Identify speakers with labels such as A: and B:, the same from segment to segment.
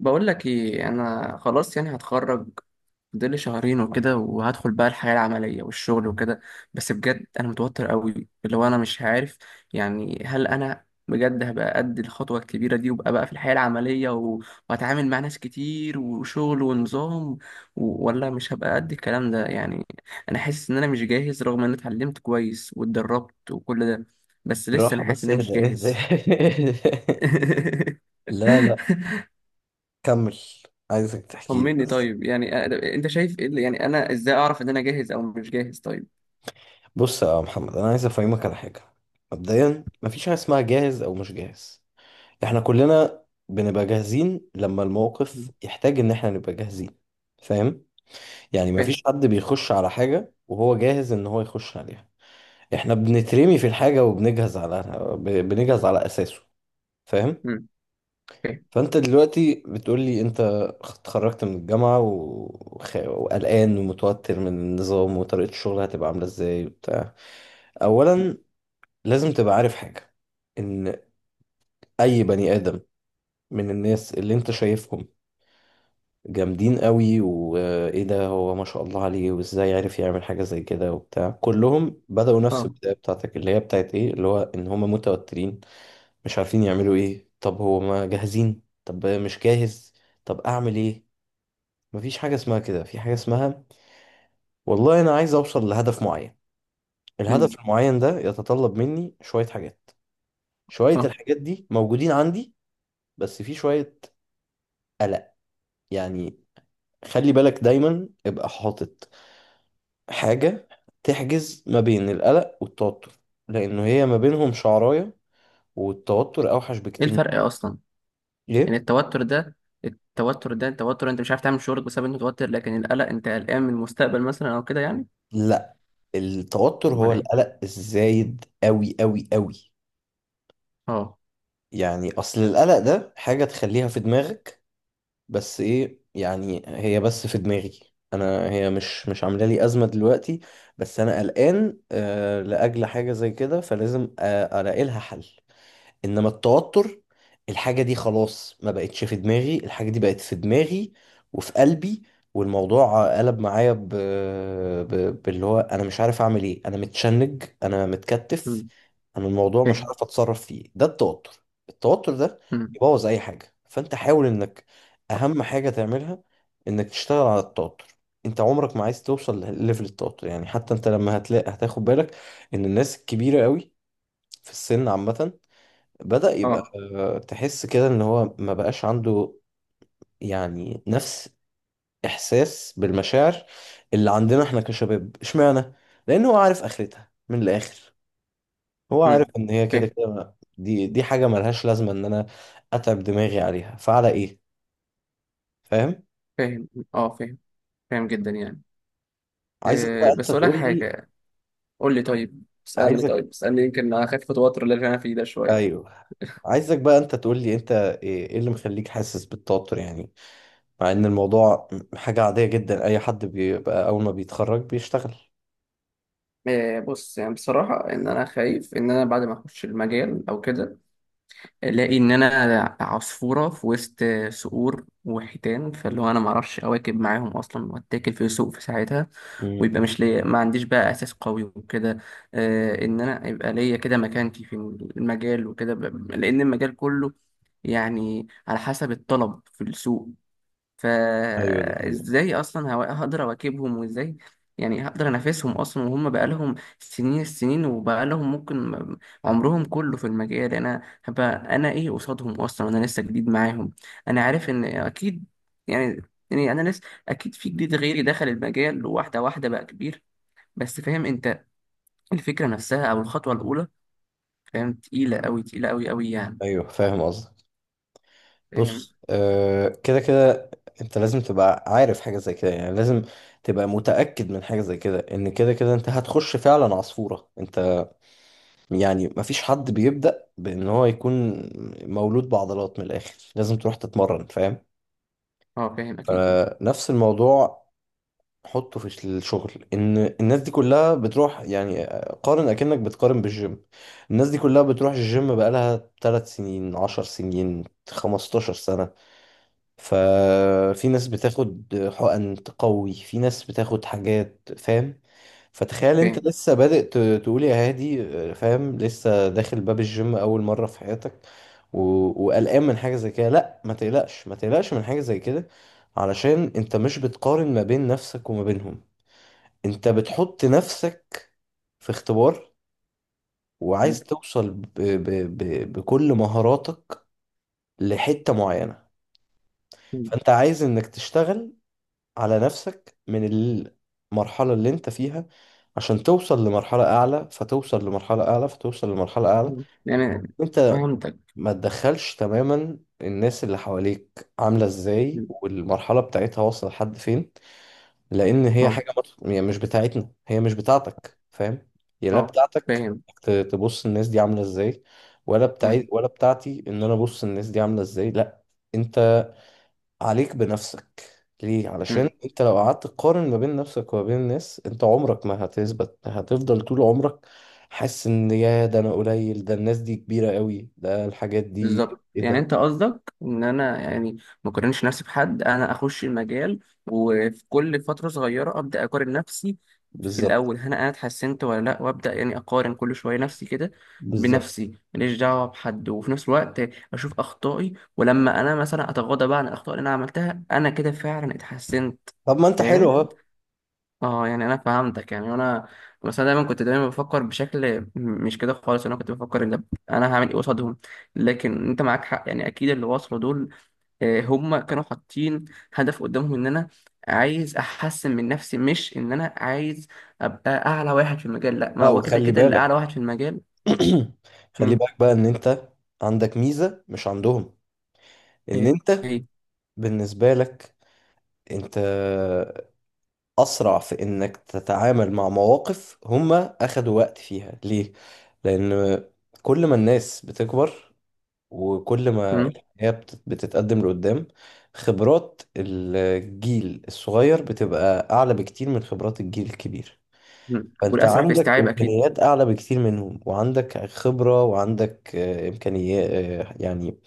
A: بقول لك ايه، انا خلاص يعني هتخرج. فاضل شهرين وكده وهدخل بقى الحياة العملية والشغل وكده. بس بجد انا متوتر قوي، اللي هو انا مش عارف يعني هل انا بجد هبقى قد الخطوة الكبيرة دي وابقى بقى في الحياة العملية وهتعامل مع ناس كتير وشغل ونظام، ولا مش هبقى قد الكلام ده يعني. انا حاسس ان انا مش جاهز، رغم ان انا اتعلمت كويس واتدربت وكل ده، بس لسه انا
B: بالراحة،
A: حاسس
B: بس
A: ان انا مش
B: اهدى اهدى.
A: جاهز.
B: لا لا. كمل. عايزك تحكي لي
A: طمني
B: بس.
A: طيب يعني انت شايف ايه يعني انا ازاي اعرف ان انا جاهز او مش جاهز طيب.
B: بص يا محمد، انا عايز افهمك على حاجة. مبدئيا، مفيش حاجة اسمها جاهز او مش جاهز. احنا كلنا بنبقى جاهزين لما
A: مم.
B: الموقف يحتاج ان احنا نبقى جاهزين. فاهم؟ يعني
A: فاهم.
B: مفيش حد بيخش على حاجة وهو جاهز ان هو يخش عليها. احنا بنترمي في الحاجة وبنجهز على بنجهز على اساسه. فاهم؟
A: مم. فاهم.
B: فانت دلوقتي بتقول لي انت اتخرجت من الجامعة وقلقان ومتوتر من النظام وطريقة الشغل هتبقى عاملة ازاي وبتاع.
A: مم.
B: اولا، لازم تبقى عارف حاجة، ان اي بني ادم من الناس اللي انت شايفهم جامدين قوي وايه ده هو ما شاء الله عليه وازاي عرف يعمل حاجة زي كده وبتاع، كلهم بدأوا نفس
A: اه.
B: البداية بتاعتك اللي هي بتاعت ايه اللي هو ان هم متوترين مش عارفين يعملوا ايه. طب هو ما جاهزين؟ طب مش جاهز؟ طب اعمل ايه؟ مفيش حاجة اسمها كده، في حاجة اسمها والله أنا عايز أوصل لهدف معين.
A: مم.
B: الهدف المعين ده يتطلب مني شوية حاجات. شوية
A: اه.
B: الحاجات دي موجودين عندي، بس في شوية قلق. يعني خلي بالك دايما ابقى حاطط حاجة تحجز ما بين القلق والتوتر، لأنه هي ما بينهم شعراية، والتوتر أوحش
A: ايه
B: بكتير
A: الفرق اصلا؟
B: ليه؟
A: يعني التوتر انت مش عارف تعمل شغلك بسبب انت متوتر، لكن القلق انت قلقان من المستقبل مثلا او كده يعني.
B: لا، التوتر هو
A: امال ايه.
B: القلق الزايد أوي أوي أوي.
A: اه.
B: يعني أصل القلق ده حاجة تخليها في دماغك، بس ايه يعني، هي بس في دماغي، انا هي مش عامله لي ازمه دلوقتي. بس انا قلقان لاجل حاجه زي كده، فلازم الاقي لها حل. انما التوتر، الحاجة دي خلاص ما بقتش في دماغي، الحاجة دي بقت في دماغي وفي قلبي. والموضوع قلب معايا باللي هو انا مش عارف اعمل ايه، انا متشنج، انا متكتف.
A: مم.
B: انا الموضوع مش
A: فاهم.
B: عارف اتصرف فيه. ده التوتر. التوتر ده
A: مم.
B: يبوظ اي حاجة، فانت حاول انك اهم حاجة تعملها انك تشتغل على التوتر. انت عمرك ما عايز توصل لليفل التوتر. يعني حتى انت لما هتلاقي هتاخد بالك ان الناس الكبيرة قوي في السن عامة بدأ يبقى،
A: اه.
B: تحس كده ان هو ما بقاش عنده يعني نفس احساس بالمشاعر اللي عندنا احنا كشباب. اشمعنى؟ لان هو عارف اخرتها من الاخر، هو
A: مم.
B: عارف ان هي كده
A: فاهم.
B: كده، دي حاجة ملهاش لازمة ان انا اتعب دماغي عليها، فعلى ايه؟ فاهم؟
A: فاهم. اه فاهم. فاهم جدا يعني.
B: عايزك بقى
A: أه
B: انت
A: بس اقول لك
B: تقول لي.
A: حاجه. قول لي طيب، اسالني
B: عايزك،
A: طيب اسالني يمكن اخف توتر اللي انا فيه ده شويه.
B: ايوه، عايزك بقى انت تقول لي انت إيه اللي مخليك حاسس بالتوتر. يعني مع ان الموضوع حاجة عادية جدا، اي حد بيبقى اول ما بيتخرج بيشتغل.
A: آه، بص يعني بصراحة إن أنا خايف إن أنا بعد ما أخش المجال أو كده ألاقي إن أنا عصفورة في وسط صقور وحيتان، فاللي هو أنا معرفش أواكب معاهم أصلا وأتاكل في سوق في ساعتها،
B: مم.
A: ويبقى مش ليا، ما عنديش بقى أساس قوي وكده. آه، إن أنا يبقى ليا كده مكانتي في المجال وكده، لأن المجال كله يعني على حسب الطلب في السوق.
B: ايوه، ده ايوه.
A: فازاي اصلا هقدر اواكبهم، وازاي يعني هقدر انافسهم اصلا وهم بقالهم سنين السنين وبقالهم ممكن عمرهم كله في المجال. انا هبقى انا ايه قصادهم اصلا؟ انا لسه جديد معاهم. انا عارف ان اكيد يعني، يعني انا لسه، اكيد في جديد غيري دخل المجال واحده واحده بقى كبير، بس فاهم انت الفكره نفسها او الخطوه الاولى. فاهم تقيله قوي، تقيله قوي قوي يعني.
B: ايوه، فاهم قصدك.
A: فاهم.
B: بص، كده كده انت لازم تبقى عارف حاجه زي كده، يعني لازم تبقى متاكد من حاجه زي كده، ان كده كده انت هتخش فعلا عصفوره. انت، يعني، مفيش حد بيبدا بان هو يكون مولود بعضلات من الاخر، لازم تروح تتمرن. فاهم؟
A: اه فاهم اكيد.
B: فنفس الموضوع حطه في الشغل، ان الناس دي كلها بتروح، يعني قارن اكنك بتقارن بالجيم. الناس دي كلها بتروح الجيم بقالها 3 سنين، 10 سنين، 15 سنة. ففي ناس بتاخد حقن تقوي، في ناس بتاخد حاجات. فاهم؟ فتخيل انت
A: فاهم.
B: لسه بادئ، تقول يا هادي. فاهم؟ لسه داخل باب الجيم اول مرة في حياتك، وقلقان من حاجة زي كده. لا، ما تقلقش ما تقلقش من حاجة زي كده، علشان انت مش بتقارن ما بين نفسك وما بينهم. انت بتحط نفسك في اختبار،
A: م-
B: وعايز توصل بكل مهاراتك لحتة معينة.
A: م-
B: فانت عايز انك تشتغل على نفسك من المرحلة اللي انت فيها، عشان توصل لمرحلة أعلى، فتوصل لمرحلة أعلى، فتوصل لمرحلة أعلى.
A: م. يعني
B: انت
A: فهمتك.
B: ما تدخلش تماما الناس اللي حواليك عاملة ازاي والمرحلة بتاعتها واصلة لحد فين، لأن هي
A: اه.
B: حاجة يعني مش بتاعتنا، هي مش بتاعتك. فاهم؟ هي لا
A: اه
B: بتاعتك
A: فاهم.
B: تبص الناس دي عاملة ازاي، ولا
A: مم،
B: بتاعت ولا بتاعتي ان انا ابص الناس دي عاملة ازاي. لا، عليك بنفسك. ليه؟ علشان
A: مم،
B: انت لو قعدت تقارن ما بين نفسك وما بين الناس، انت عمرك ما هتثبت، هتفضل طول عمرك حاسس ان يا ده انا قليل، ده الناس دي كبيرة قوي، ده الحاجات دي
A: بالظبط.
B: ايه
A: يعني
B: ده.
A: انت قصدك ان انا يعني ما اقارنش نفسي بحد، انا اخش المجال وفي كل فتره صغيره ابدا اقارن نفسي في
B: بالظبط،
A: الاول هل انا اتحسنت ولا لا، وابدا يعني اقارن كل شويه نفسي كده
B: بالظبط.
A: بنفسي، ماليش دعوه بحد، وفي نفس الوقت اشوف اخطائي، ولما انا مثلا اتغاضى بقى عن الاخطاء اللي انا عملتها انا كده فعلا اتحسنت.
B: طب ما انت حلو
A: فاهم.
B: اهو.
A: اه يعني انا فهمتك يعني انا، بس انا دايما كنت دايما بفكر بشكل مش كده خالص، انا كنت بفكر ان انا هعمل ايه قصادهم. لكن انت معاك حق، يعني اكيد اللي وصلوا دول آه، هم كانوا حاطين هدف قدامهم ان انا عايز احسن من نفسي، مش ان انا عايز ابقى اعلى واحد في المجال، لا، ما
B: لا،
A: هو كده
B: وخلي
A: كده اللي اعلى
B: بالك.
A: واحد في المجال.
B: خلي
A: مم.
B: بالك بقى ان انت عندك ميزة مش عندهم، ان
A: ايه
B: انت،
A: ايه.
B: بالنسبة لك، انت أسرع في إنك تتعامل مع مواقف هما أخدوا وقت فيها. ليه؟ لأن كل ما الناس بتكبر، وكل ما
A: مم.
B: الحياة بتتقدم لقدام، خبرات الجيل الصغير بتبقى أعلى بكتير من خبرات الجيل الكبير.
A: مم.
B: فأنت
A: والاسرع في
B: عندك
A: استيعاب اكيد.
B: إمكانيات أعلى بكتير منهم، وعندك خبرة، وعندك إمكانيات، يعني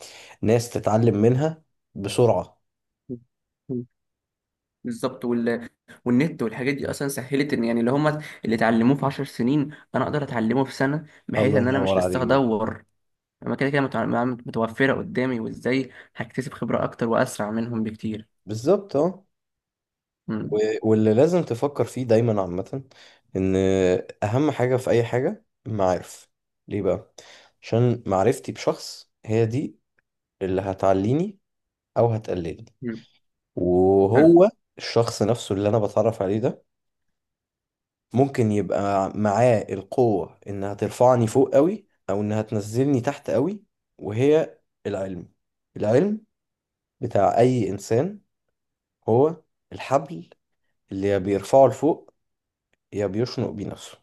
B: ناس تتعلم منها بسرعة.
A: مم. بالظبط. والنت والحاجات دي اصلا سهلت ان يعني اللي هم اللي اتعلموه في 10 سنين انا اقدر اتعلمه في سنه، بحيث
B: الله
A: ان انا
B: ينور
A: مش لسه
B: عليك.
A: هدور، انا كده كده متوفره قدامي، وازاي هكتسب خبره اكتر واسرع منهم بكتير.
B: بالظبط، اه.
A: امم.
B: و- واللي لازم تفكر فيه دايما عامة، ان اهم حاجة في اي حاجة المعارف. ليه بقى؟ عشان معرفتي بشخص هي دي اللي هتعليني او هتقللني.
A: امم. حلو.
B: وهو الشخص نفسه اللي انا بتعرف عليه ده ممكن يبقى معاه القوة انها ترفعني فوق قوي، او انها تنزلني تحت قوي. وهي العلم، العلم بتاع اي انسان هو الحبل اللي يا بيرفعه لفوق يا بيشنق بيه نفسه.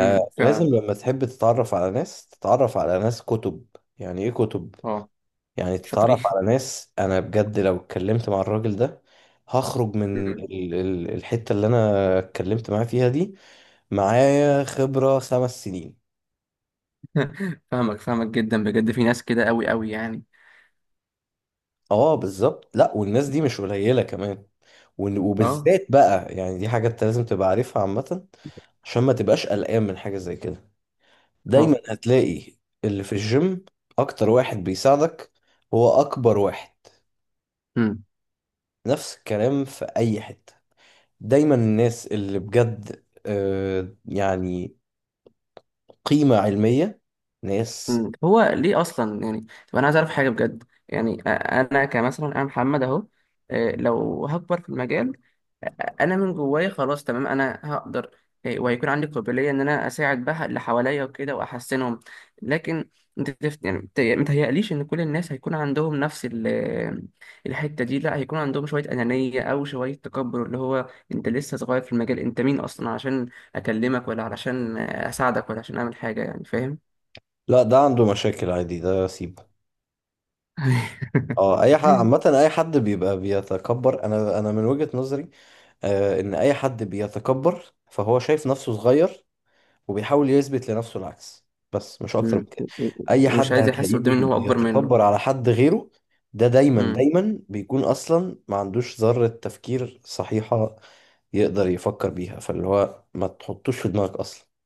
A: فعلا.
B: لما تحب تتعرف على ناس، تتعرف على ناس كتب. يعني ايه كتب؟
A: اه
B: يعني
A: شاطرين.
B: تتعرف على ناس، انا بجد لو اتكلمت مع الراجل ده هخرج من
A: أمم.
B: الحتة اللي انا اتكلمت معاه فيها دي معايا خبرة 5 سنين.
A: فاهمك، فاهمك جدا بجد، في ناس كده قوي قوي يعني.
B: اه، بالظبط. لا، والناس دي مش قليلة كمان.
A: اه.
B: وبالذات بقى، يعني دي حاجة انت لازم تبقى عارفها عامة، عشان ما تبقاش قلقان من حاجة زي كده. دايما
A: اه.
B: هتلاقي اللي في الجيم اكتر واحد بيساعدك هو اكبر واحد.
A: امم.
B: نفس الكلام في أي حتة. دايما الناس اللي بجد، يعني قيمة علمية، ناس.
A: أمم. هو ليه اصلا يعني؟ طب انا عايز اعرف حاجه بجد. يعني انا كمثلا انا محمد اهو، آه، لو هكبر في المجال انا من جوايا خلاص تمام انا هقدر. إيه، وهيكون عندي قابليه ان انا اساعد بقى اللي حواليا وكده واحسنهم. لكن انت يعني متهيأليش ان كل الناس هيكون عندهم نفس الحته دي، لا، هيكون عندهم شويه انانيه او شويه تكبر، اللي هو انت لسه صغير في المجال، انت مين اصلا عشان اكلمك، ولا علشان اساعدك، ولا عشان اعمل حاجه يعني، فاهم.
B: لا، ده عنده مشاكل عادي، ده سيبه. اه، اي حد عامة، اي حد بيبقى بيتكبر، انا من وجهة نظري ان اي حد بيتكبر فهو شايف نفسه صغير، وبيحاول يثبت لنفسه العكس، بس مش اكتر من
A: مم.
B: كده. اي
A: ومش
B: حد
A: عايز يحس
B: هتلاقيه
A: قدامي ان هو اكبر
B: بيتكبر على حد غيره، ده دايما
A: منه.
B: دايما بيكون اصلا ما عندوش ذرة تفكير صحيحة يقدر يفكر بيها، فاللي هو ما تحطوش في دماغك اصلا.